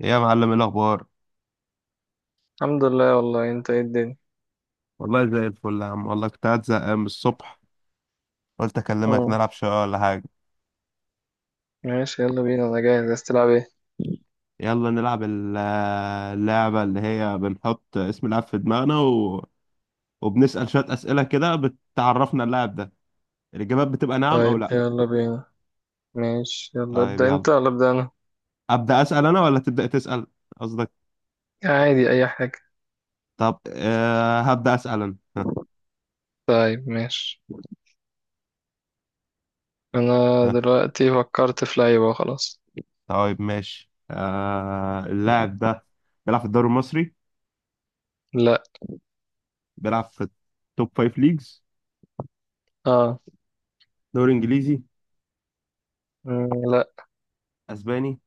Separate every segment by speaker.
Speaker 1: ايه يا معلم، ايه الاخبار؟
Speaker 2: الحمد لله، والله انت ايه الدنيا؟
Speaker 1: والله زي الفل يا عم، والله كنت قاعد زهقان من الصبح. قلت اكلمك
Speaker 2: اه،
Speaker 1: نلعب شويه ولا حاجه.
Speaker 2: ماشي، يلا بينا، انا جاهز، عايز تلعب ايه؟
Speaker 1: يلا نلعب اللعبه اللي هي بنحط اسم اللاعب في دماغنا وبنسال شويه اسئله كده بتعرفنا اللاعب ده. الاجابات بتبقى نعم او
Speaker 2: طيب،
Speaker 1: لا.
Speaker 2: يلا بينا. ماشي، يلا،
Speaker 1: طيب
Speaker 2: ابدأ
Speaker 1: يلا،
Speaker 2: انت ولا ابدأ انا؟
Speaker 1: ابدا اسال انا ولا تبدا تسال، قصدك.
Speaker 2: عادي، اي حاجة.
Speaker 1: طب هبدا اسال انا، ها،
Speaker 2: طيب، ماشي. انا
Speaker 1: ها.
Speaker 2: دلوقتي فكرت في لعيبة، خلاص.
Speaker 1: طيب ماشي. اللاعب ده بيلعب في الدوري المصري؟
Speaker 2: لا.
Speaker 1: بيلعب في التوب فايف ليجز؟
Speaker 2: اه.
Speaker 1: دوري انجليزي؟
Speaker 2: مم، لا.
Speaker 1: اسباني؟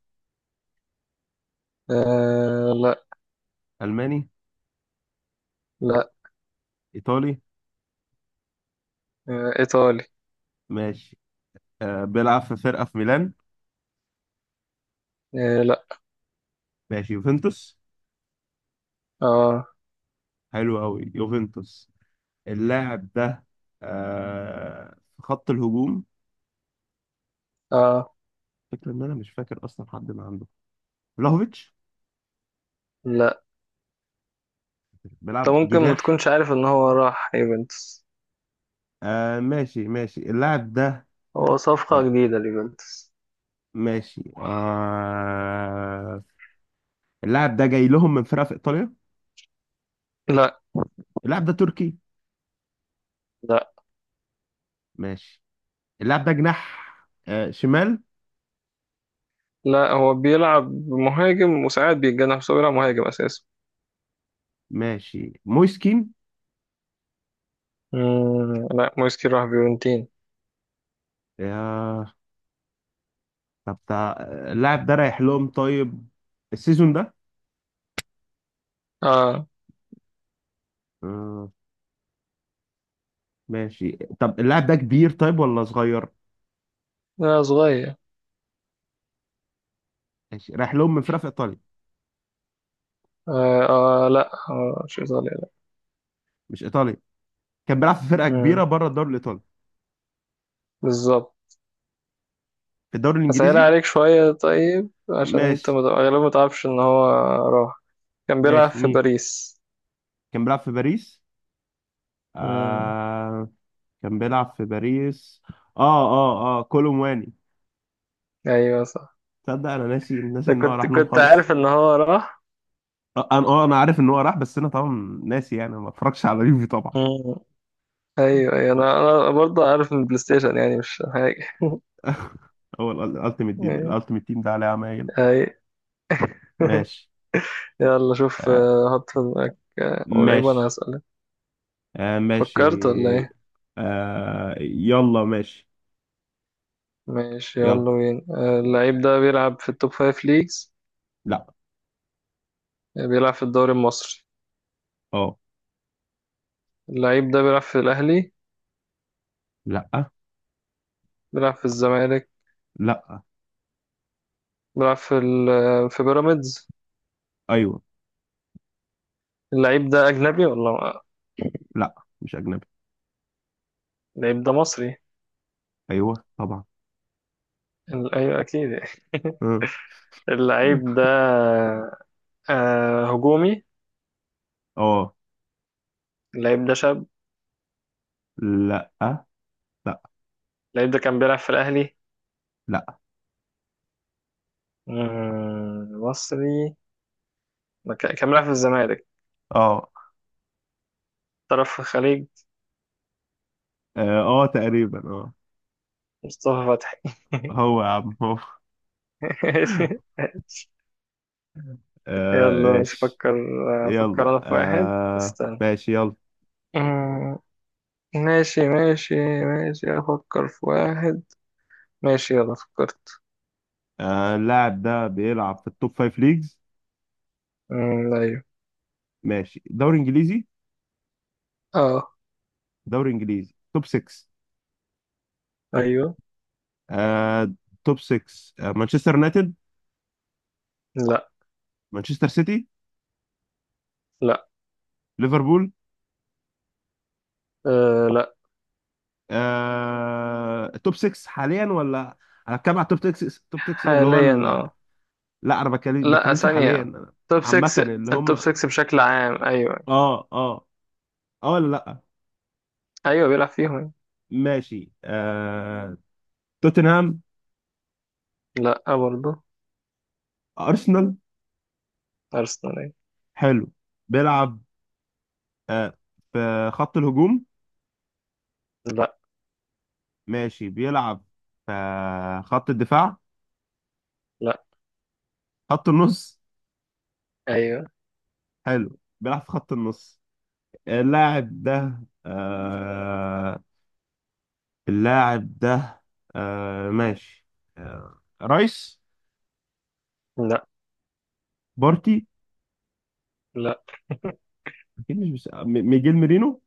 Speaker 2: آه. لا.
Speaker 1: الماني؟
Speaker 2: لا.
Speaker 1: ايطالي؟
Speaker 2: آه. ايطالي.
Speaker 1: ماشي. بيلعب في فرقه في ميلان؟
Speaker 2: آه. لا.
Speaker 1: ماشي، يوفنتوس؟
Speaker 2: اه،
Speaker 1: حلو قوي يوفنتوس. اللاعب ده في خط الهجوم؟
Speaker 2: اه،
Speaker 1: فكرة ان انا مش فاكر اصلا حد ما عنده. فلاهوفيتش؟
Speaker 2: لا.
Speaker 1: بيلعب
Speaker 2: انت ممكن ما
Speaker 1: جناح؟
Speaker 2: تكونش عارف ان هو راح يوفنتوس.
Speaker 1: آه، ماشي ماشي، اللاعب ده.
Speaker 2: هو صفقة
Speaker 1: آه
Speaker 2: جديدة ليوفنتوس.
Speaker 1: ماشي آه. اللاعب ده جاي لهم من فرقه في ايطاليا؟
Speaker 2: لا.
Speaker 1: اللاعب ده تركي؟
Speaker 2: لا،
Speaker 1: ماشي. اللاعب ده جناح؟ آه، شمال؟
Speaker 2: لا، هو بيلعب مهاجم وساعات بيتجنح، بس هو بيلعب مهاجم اساسا.
Speaker 1: ماشي، مويسكين؟
Speaker 2: مم. لا، مويس راح فيورنتين.
Speaker 1: يا، طب اللاعب ده رايح لهم طيب؟ السيزون ده؟
Speaker 2: اه.
Speaker 1: آه. ماشي. طب اللاعب ده كبير طيب ولا صغير؟
Speaker 2: لا، صغير.
Speaker 1: ماشي، رايح لهم من فرقة في ايطاليا؟
Speaker 2: آه, اه، لا، آه مش ايطاليا، لا.
Speaker 1: مش ايطاليا؟ كان بيلعب في فرقة
Speaker 2: مم.
Speaker 1: كبيرة بره الدوري الايطالي.
Speaker 2: بالظبط.
Speaker 1: في الدوري
Speaker 2: هسهل
Speaker 1: الانجليزي؟
Speaker 2: عليك شوية، طيب عشان انت
Speaker 1: ماشي.
Speaker 2: غالبا ما تعرفش ان هو راح. كان بيلعب
Speaker 1: ماشي،
Speaker 2: في
Speaker 1: مين؟
Speaker 2: باريس.
Speaker 1: كان بيلعب في باريس؟
Speaker 2: مم.
Speaker 1: آه. كان بيلعب في باريس. اه، اه، اه، كولومواني!
Speaker 2: ايوه صح.
Speaker 1: تصدق انا ناسي ناسي
Speaker 2: ده
Speaker 1: ان هو
Speaker 2: كنت
Speaker 1: راح لهم
Speaker 2: كنت
Speaker 1: خالص.
Speaker 2: عارف ان هو راح.
Speaker 1: آه، انا عارف ان هو راح، بس انا طبعا ناسي يعني ما اتفرجش على اليوفي طبعا.
Speaker 2: مم. ايوه، ايوه، انا برضه عارف من البلاي ستيشن، يعني مش حاجة.
Speaker 1: هو الالتيميت، دي الالتيميت تيم ده عليه عمايل.
Speaker 2: ايوه.
Speaker 1: ماشي.
Speaker 2: يلا شوف،
Speaker 1: آه،
Speaker 2: حط في دماغك ولعيب وأنا
Speaker 1: ماشي،
Speaker 2: هسألك.
Speaker 1: آه. ماشي.
Speaker 2: فكرت ولا إيه؟
Speaker 1: آه، يلا ماشي.
Speaker 2: ماشي
Speaker 1: يلا.
Speaker 2: يلا بينا، اللعيب ده بيلعب في التوب فايف ليجز؟
Speaker 1: لا.
Speaker 2: بيلعب في الدوري المصري؟
Speaker 1: اه.
Speaker 2: اللعيب ده بيلعب في الأهلي؟
Speaker 1: لا.
Speaker 2: بيلعب في الزمالك؟
Speaker 1: لا.
Speaker 2: بيلعب في ال آه، في بيراميدز؟
Speaker 1: ايوه.
Speaker 2: اللعيب ده أجنبي ولا؟
Speaker 1: لا. مش اجنبي.
Speaker 2: اللعيب ده مصري؟
Speaker 1: ايوه طبعا.
Speaker 2: أيوة، أكيد.
Speaker 1: اه.
Speaker 2: اللعيب ده هجومي؟
Speaker 1: آه.
Speaker 2: اللعيب ده شاب؟
Speaker 1: لا. لا.
Speaker 2: اللعيب ده كان بيلعب في الأهلي؟
Speaker 1: لا
Speaker 2: مصري، ما كان بيلعب في الزمالك.
Speaker 1: اه.
Speaker 2: طرف الخليج.
Speaker 1: اه. آه، تقريبا اه.
Speaker 2: مصطفى فتحي.
Speaker 1: هو يا عم، هو!
Speaker 2: ماشي ماشي.
Speaker 1: آه
Speaker 2: يلا مش
Speaker 1: ماشي
Speaker 2: فكر، فكر
Speaker 1: يلا.
Speaker 2: انا في واحد،
Speaker 1: آه
Speaker 2: استنى.
Speaker 1: ماشي يلا.
Speaker 2: أمم، ماشي، ماشي. ماشي افكر في واحد. ماشي، يلا فكرت.
Speaker 1: آه، اللاعب ده بيلعب في التوب فايف ليجز؟
Speaker 2: ايوه.
Speaker 1: ماشي، دوري انجليزي؟
Speaker 2: اه.
Speaker 1: دوري انجليزي، توب 6؟
Speaker 2: ايوه.
Speaker 1: آه. توب 6. مانشستر يونايتد؟
Speaker 2: لا،
Speaker 1: مانشستر سيتي؟
Speaker 2: لا،
Speaker 1: ليفربول؟
Speaker 2: أه، لا.
Speaker 1: توب 6 حاليا ولا؟ انا بتكلم على التوب 6، توب 6 اللي هو
Speaker 2: حاليا، اه.
Speaker 1: لا، انا
Speaker 2: لا،
Speaker 1: بتكلمش حاليا
Speaker 2: ثانية.
Speaker 1: أنا.
Speaker 2: توب
Speaker 1: عامة
Speaker 2: 6.
Speaker 1: اللي هم
Speaker 2: التوب
Speaker 1: اه
Speaker 2: 6 بشكل عام، ايوه.
Speaker 1: اه. اه ولا لا؟
Speaker 2: ايوه، بيلعب فيهم.
Speaker 1: ماشي، آه. توتنهام؟
Speaker 2: لا برضه.
Speaker 1: ارسنال؟
Speaker 2: ارسنال، أيوة.
Speaker 1: حلو. بيلعب آه في خط الهجوم؟
Speaker 2: لا.
Speaker 1: ماشي، بيلعب في خط الدفاع؟
Speaker 2: لا،
Speaker 1: خط النص؟
Speaker 2: ايوه،
Speaker 1: حلو، بيلعب في خط النص. اللاعب ده آه اللاعب ده، آه ماشي آه رايس؟
Speaker 2: لا،
Speaker 1: بارتي؟
Speaker 2: لا.
Speaker 1: اكيد مش، ميجيل ميرينو!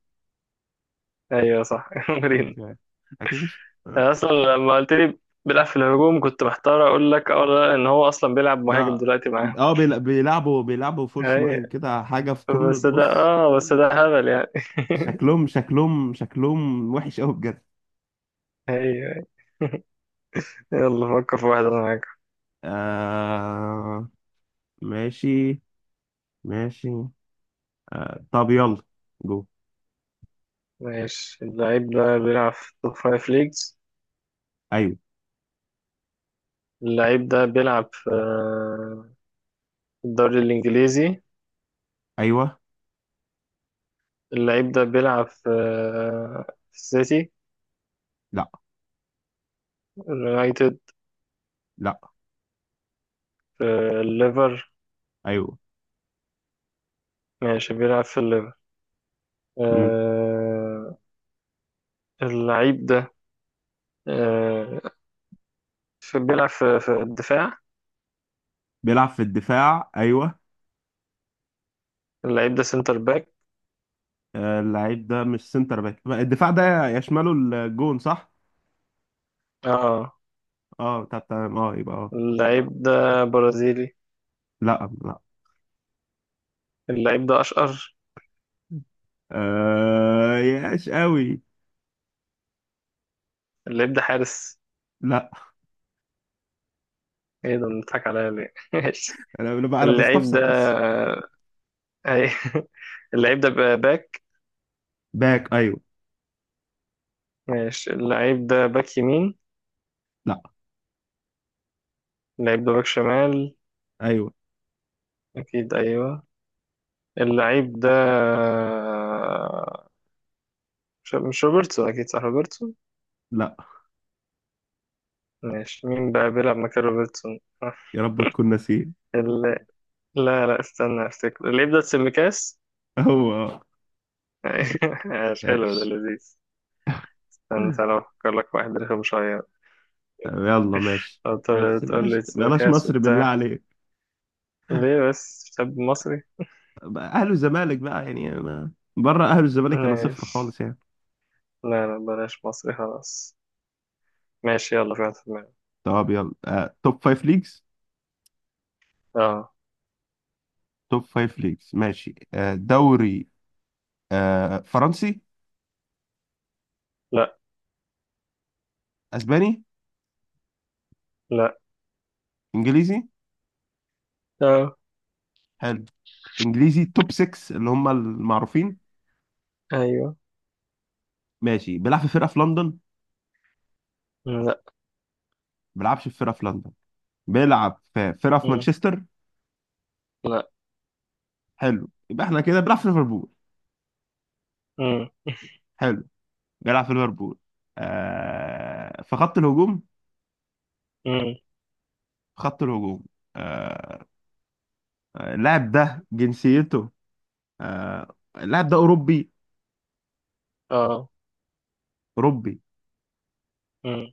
Speaker 2: ايوه صح.
Speaker 1: أوكي. اكيد مش. آه.
Speaker 2: انا اصلا لما قلت لي بيلعب في الهجوم، كنت محتار اقول لك اه ولا لا، ان هو اصلا بيلعب مهاجم
Speaker 1: ده،
Speaker 2: دلوقتي معاهم.
Speaker 1: اه، بيلعبوا فولس
Speaker 2: اي،
Speaker 1: ناين كده حاجه في قمه، بص.
Speaker 2: بس ده هبل يعني.
Speaker 1: شكلهم شكلهم شكلهم وحش قوي بجد!
Speaker 2: ايوه. يلا فكر في واحد، انا معاك.
Speaker 1: آه ماشي ماشي. آه، طب يلا، جو.
Speaker 2: ماشي، اللعيب ده بيلعب في توب فايف ليجز؟
Speaker 1: ايوه.
Speaker 2: اللعيب ده بيلعب في الدوري الانجليزي؟
Speaker 1: ايوه.
Speaker 2: اللعيب ده بيلعب في السيتي؟
Speaker 1: لا.
Speaker 2: اليونايتد؟
Speaker 1: لا.
Speaker 2: في الليفر؟
Speaker 1: ايوه.
Speaker 2: ماشي، بيلعب في الليفر.
Speaker 1: مم.
Speaker 2: آه، اللعيب ده آه، في بيلعب في الدفاع.
Speaker 1: بيلعب في الدفاع، ايوه.
Speaker 2: اللعيب ده سنتر باك؟
Speaker 1: آه، اللعيب ده مش سنتر باك، الدفاع ده يشمله الجون صح؟
Speaker 2: اه.
Speaker 1: اه، طب تمام، اه يبقى اه.
Speaker 2: اللعيب ده برازيلي؟
Speaker 1: لا. لا.
Speaker 2: اللعيب ده اشقر؟
Speaker 1: آه، ياش قوي.
Speaker 2: اللعيب ده حارس؟
Speaker 1: لا.
Speaker 2: ايه ده؟ بنضحك عليا ليه؟ ماشي.
Speaker 1: أنا بقى انا
Speaker 2: اللعيب ده،
Speaker 1: بستفسر بس.
Speaker 2: اي. اللعيب ده بقى باك؟
Speaker 1: باك، ايوه.
Speaker 2: ماشي، اللعيب ده باك يمين؟
Speaker 1: لا.
Speaker 2: اللعيب ده باك شمال؟
Speaker 1: ايوه.
Speaker 2: اكيد، ايوه. اللعيب ده مش روبرتسون، اكيد صح، روبرتسون؟
Speaker 1: لا.
Speaker 2: ماشي، مين بقى بيلعب مكان روبرتسون؟
Speaker 1: يا رب تكون ناسيه!
Speaker 2: ال- لا، لا، استنى، افتكر اللعيب ده سيميكاس.
Speaker 1: هو اه.
Speaker 2: ماشي، حلو، ده
Speaker 1: ياش.
Speaker 2: لذيذ. استنى تعالى أفكر لك واحد رخم شوية.
Speaker 1: يلا ماشي.
Speaker 2: مم.
Speaker 1: بس
Speaker 2: تقول
Speaker 1: بلاش
Speaker 2: لي
Speaker 1: بلاش
Speaker 2: مكاس
Speaker 1: مصر بالله
Speaker 2: وبتاع.
Speaker 1: عليك!
Speaker 2: ليه بس؟ شاب مصري.
Speaker 1: بقى اهلي والزمالك بقى يعني انا بره اهلي والزمالك انا صفر
Speaker 2: ماشي.
Speaker 1: خالص يعني.
Speaker 2: لا، لا، بلاش مصري، خلاص. ماشي، يلا، في واحد في دماغي.
Speaker 1: طب يلا. آه، توب فايف ليجز؟
Speaker 2: اه.
Speaker 1: توب فايف ليجز، ماشي. آه، دوري. آه، فرنسي؟
Speaker 2: لا،
Speaker 1: اسباني؟
Speaker 2: لا،
Speaker 1: انجليزي؟
Speaker 2: اه،
Speaker 1: حلو. انجليزي توب 6 اللي هم المعروفين؟
Speaker 2: ايوه.
Speaker 1: ماشي، بيلعب في فرقه في لندن، ما
Speaker 2: مم، لا.
Speaker 1: بيلعبش في فرقه في لندن؟ بيلعب في فرقه في
Speaker 2: مم،
Speaker 1: مانشستر؟
Speaker 2: لا.
Speaker 1: حلو، يبقى احنا كده بيلعب في ليفربول.
Speaker 2: مم،
Speaker 1: حلو. بيلعب في ليفربول. في خط الهجوم؟
Speaker 2: مم،
Speaker 1: في خط الهجوم. آه اللاعب ده جنسيته. اللاعب ده اوروبي؟
Speaker 2: اه،
Speaker 1: اوروبي.
Speaker 2: مم،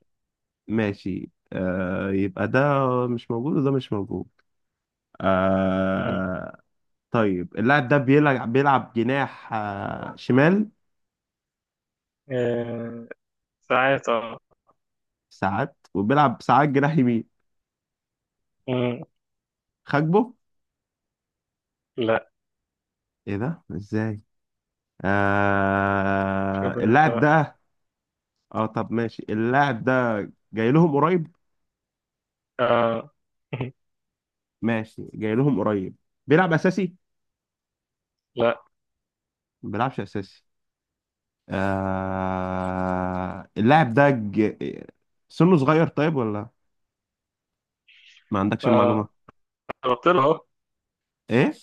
Speaker 1: ماشي، آه يبقى ده مش موجود وده مش موجود.
Speaker 2: مم.
Speaker 1: آه. طيب، اللاعب ده بيلعب جناح آه، شمال؟
Speaker 2: آه، ساعات، اه.
Speaker 1: ساعات وبيلعب ساعات جناح يمين؟
Speaker 2: مم،
Speaker 1: خاكبو؟
Speaker 2: لا.
Speaker 1: ايه ده؟ ازاي؟
Speaker 2: شوف انت
Speaker 1: اللاعب
Speaker 2: بقى.
Speaker 1: ده. اه طب ماشي، اللاعب ده جاي لهم قريب؟
Speaker 2: اه.
Speaker 1: ماشي، جاي لهم قريب. بيلعب اساسي؟
Speaker 2: لا،
Speaker 1: ما بيلعبش اساسي. اللاعب ده سنه صغير طيب ولا ما عندكش
Speaker 2: اه،
Speaker 1: المعلومة؟
Speaker 2: قربت له اهو.
Speaker 1: ايه؟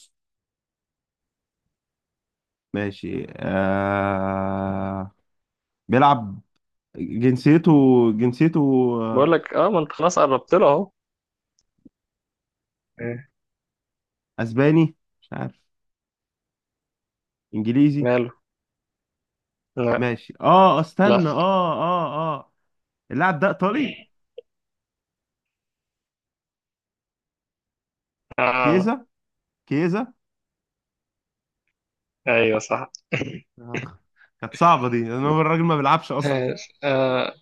Speaker 1: ماشي بيلعب. جنسيته. جنسيته.
Speaker 2: بقول
Speaker 1: آه،
Speaker 2: لك اه، ما انت خلاص قربت له اهو.
Speaker 1: اسباني؟ مش عارف. انجليزي؟
Speaker 2: ماله. لا،
Speaker 1: ماشي اه،
Speaker 2: لا.
Speaker 1: استنى، اه اه اه. اللاعب ده ايطالي؟
Speaker 2: آه.
Speaker 1: كيزا؟ كيزا!
Speaker 2: ايوه صح.
Speaker 1: اخ! كانت صعبة دي، لان هو الراجل ما بيلعبش اصلا.
Speaker 2: ماشي. آه.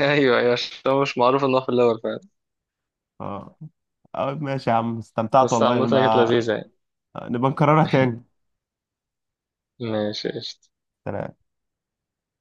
Speaker 2: ايوه، ايوه، عشان هو مش معروف انه في الاول فعلا.
Speaker 1: اه. آه، ماشي يا عم، استمتعت
Speaker 2: بس
Speaker 1: والله،
Speaker 2: عامة كانت
Speaker 1: نبقى
Speaker 2: لذيذة يعني.
Speaker 1: نبقى نكررها تاني.
Speaker 2: ماشي، قشطة.
Speaker 1: سلام.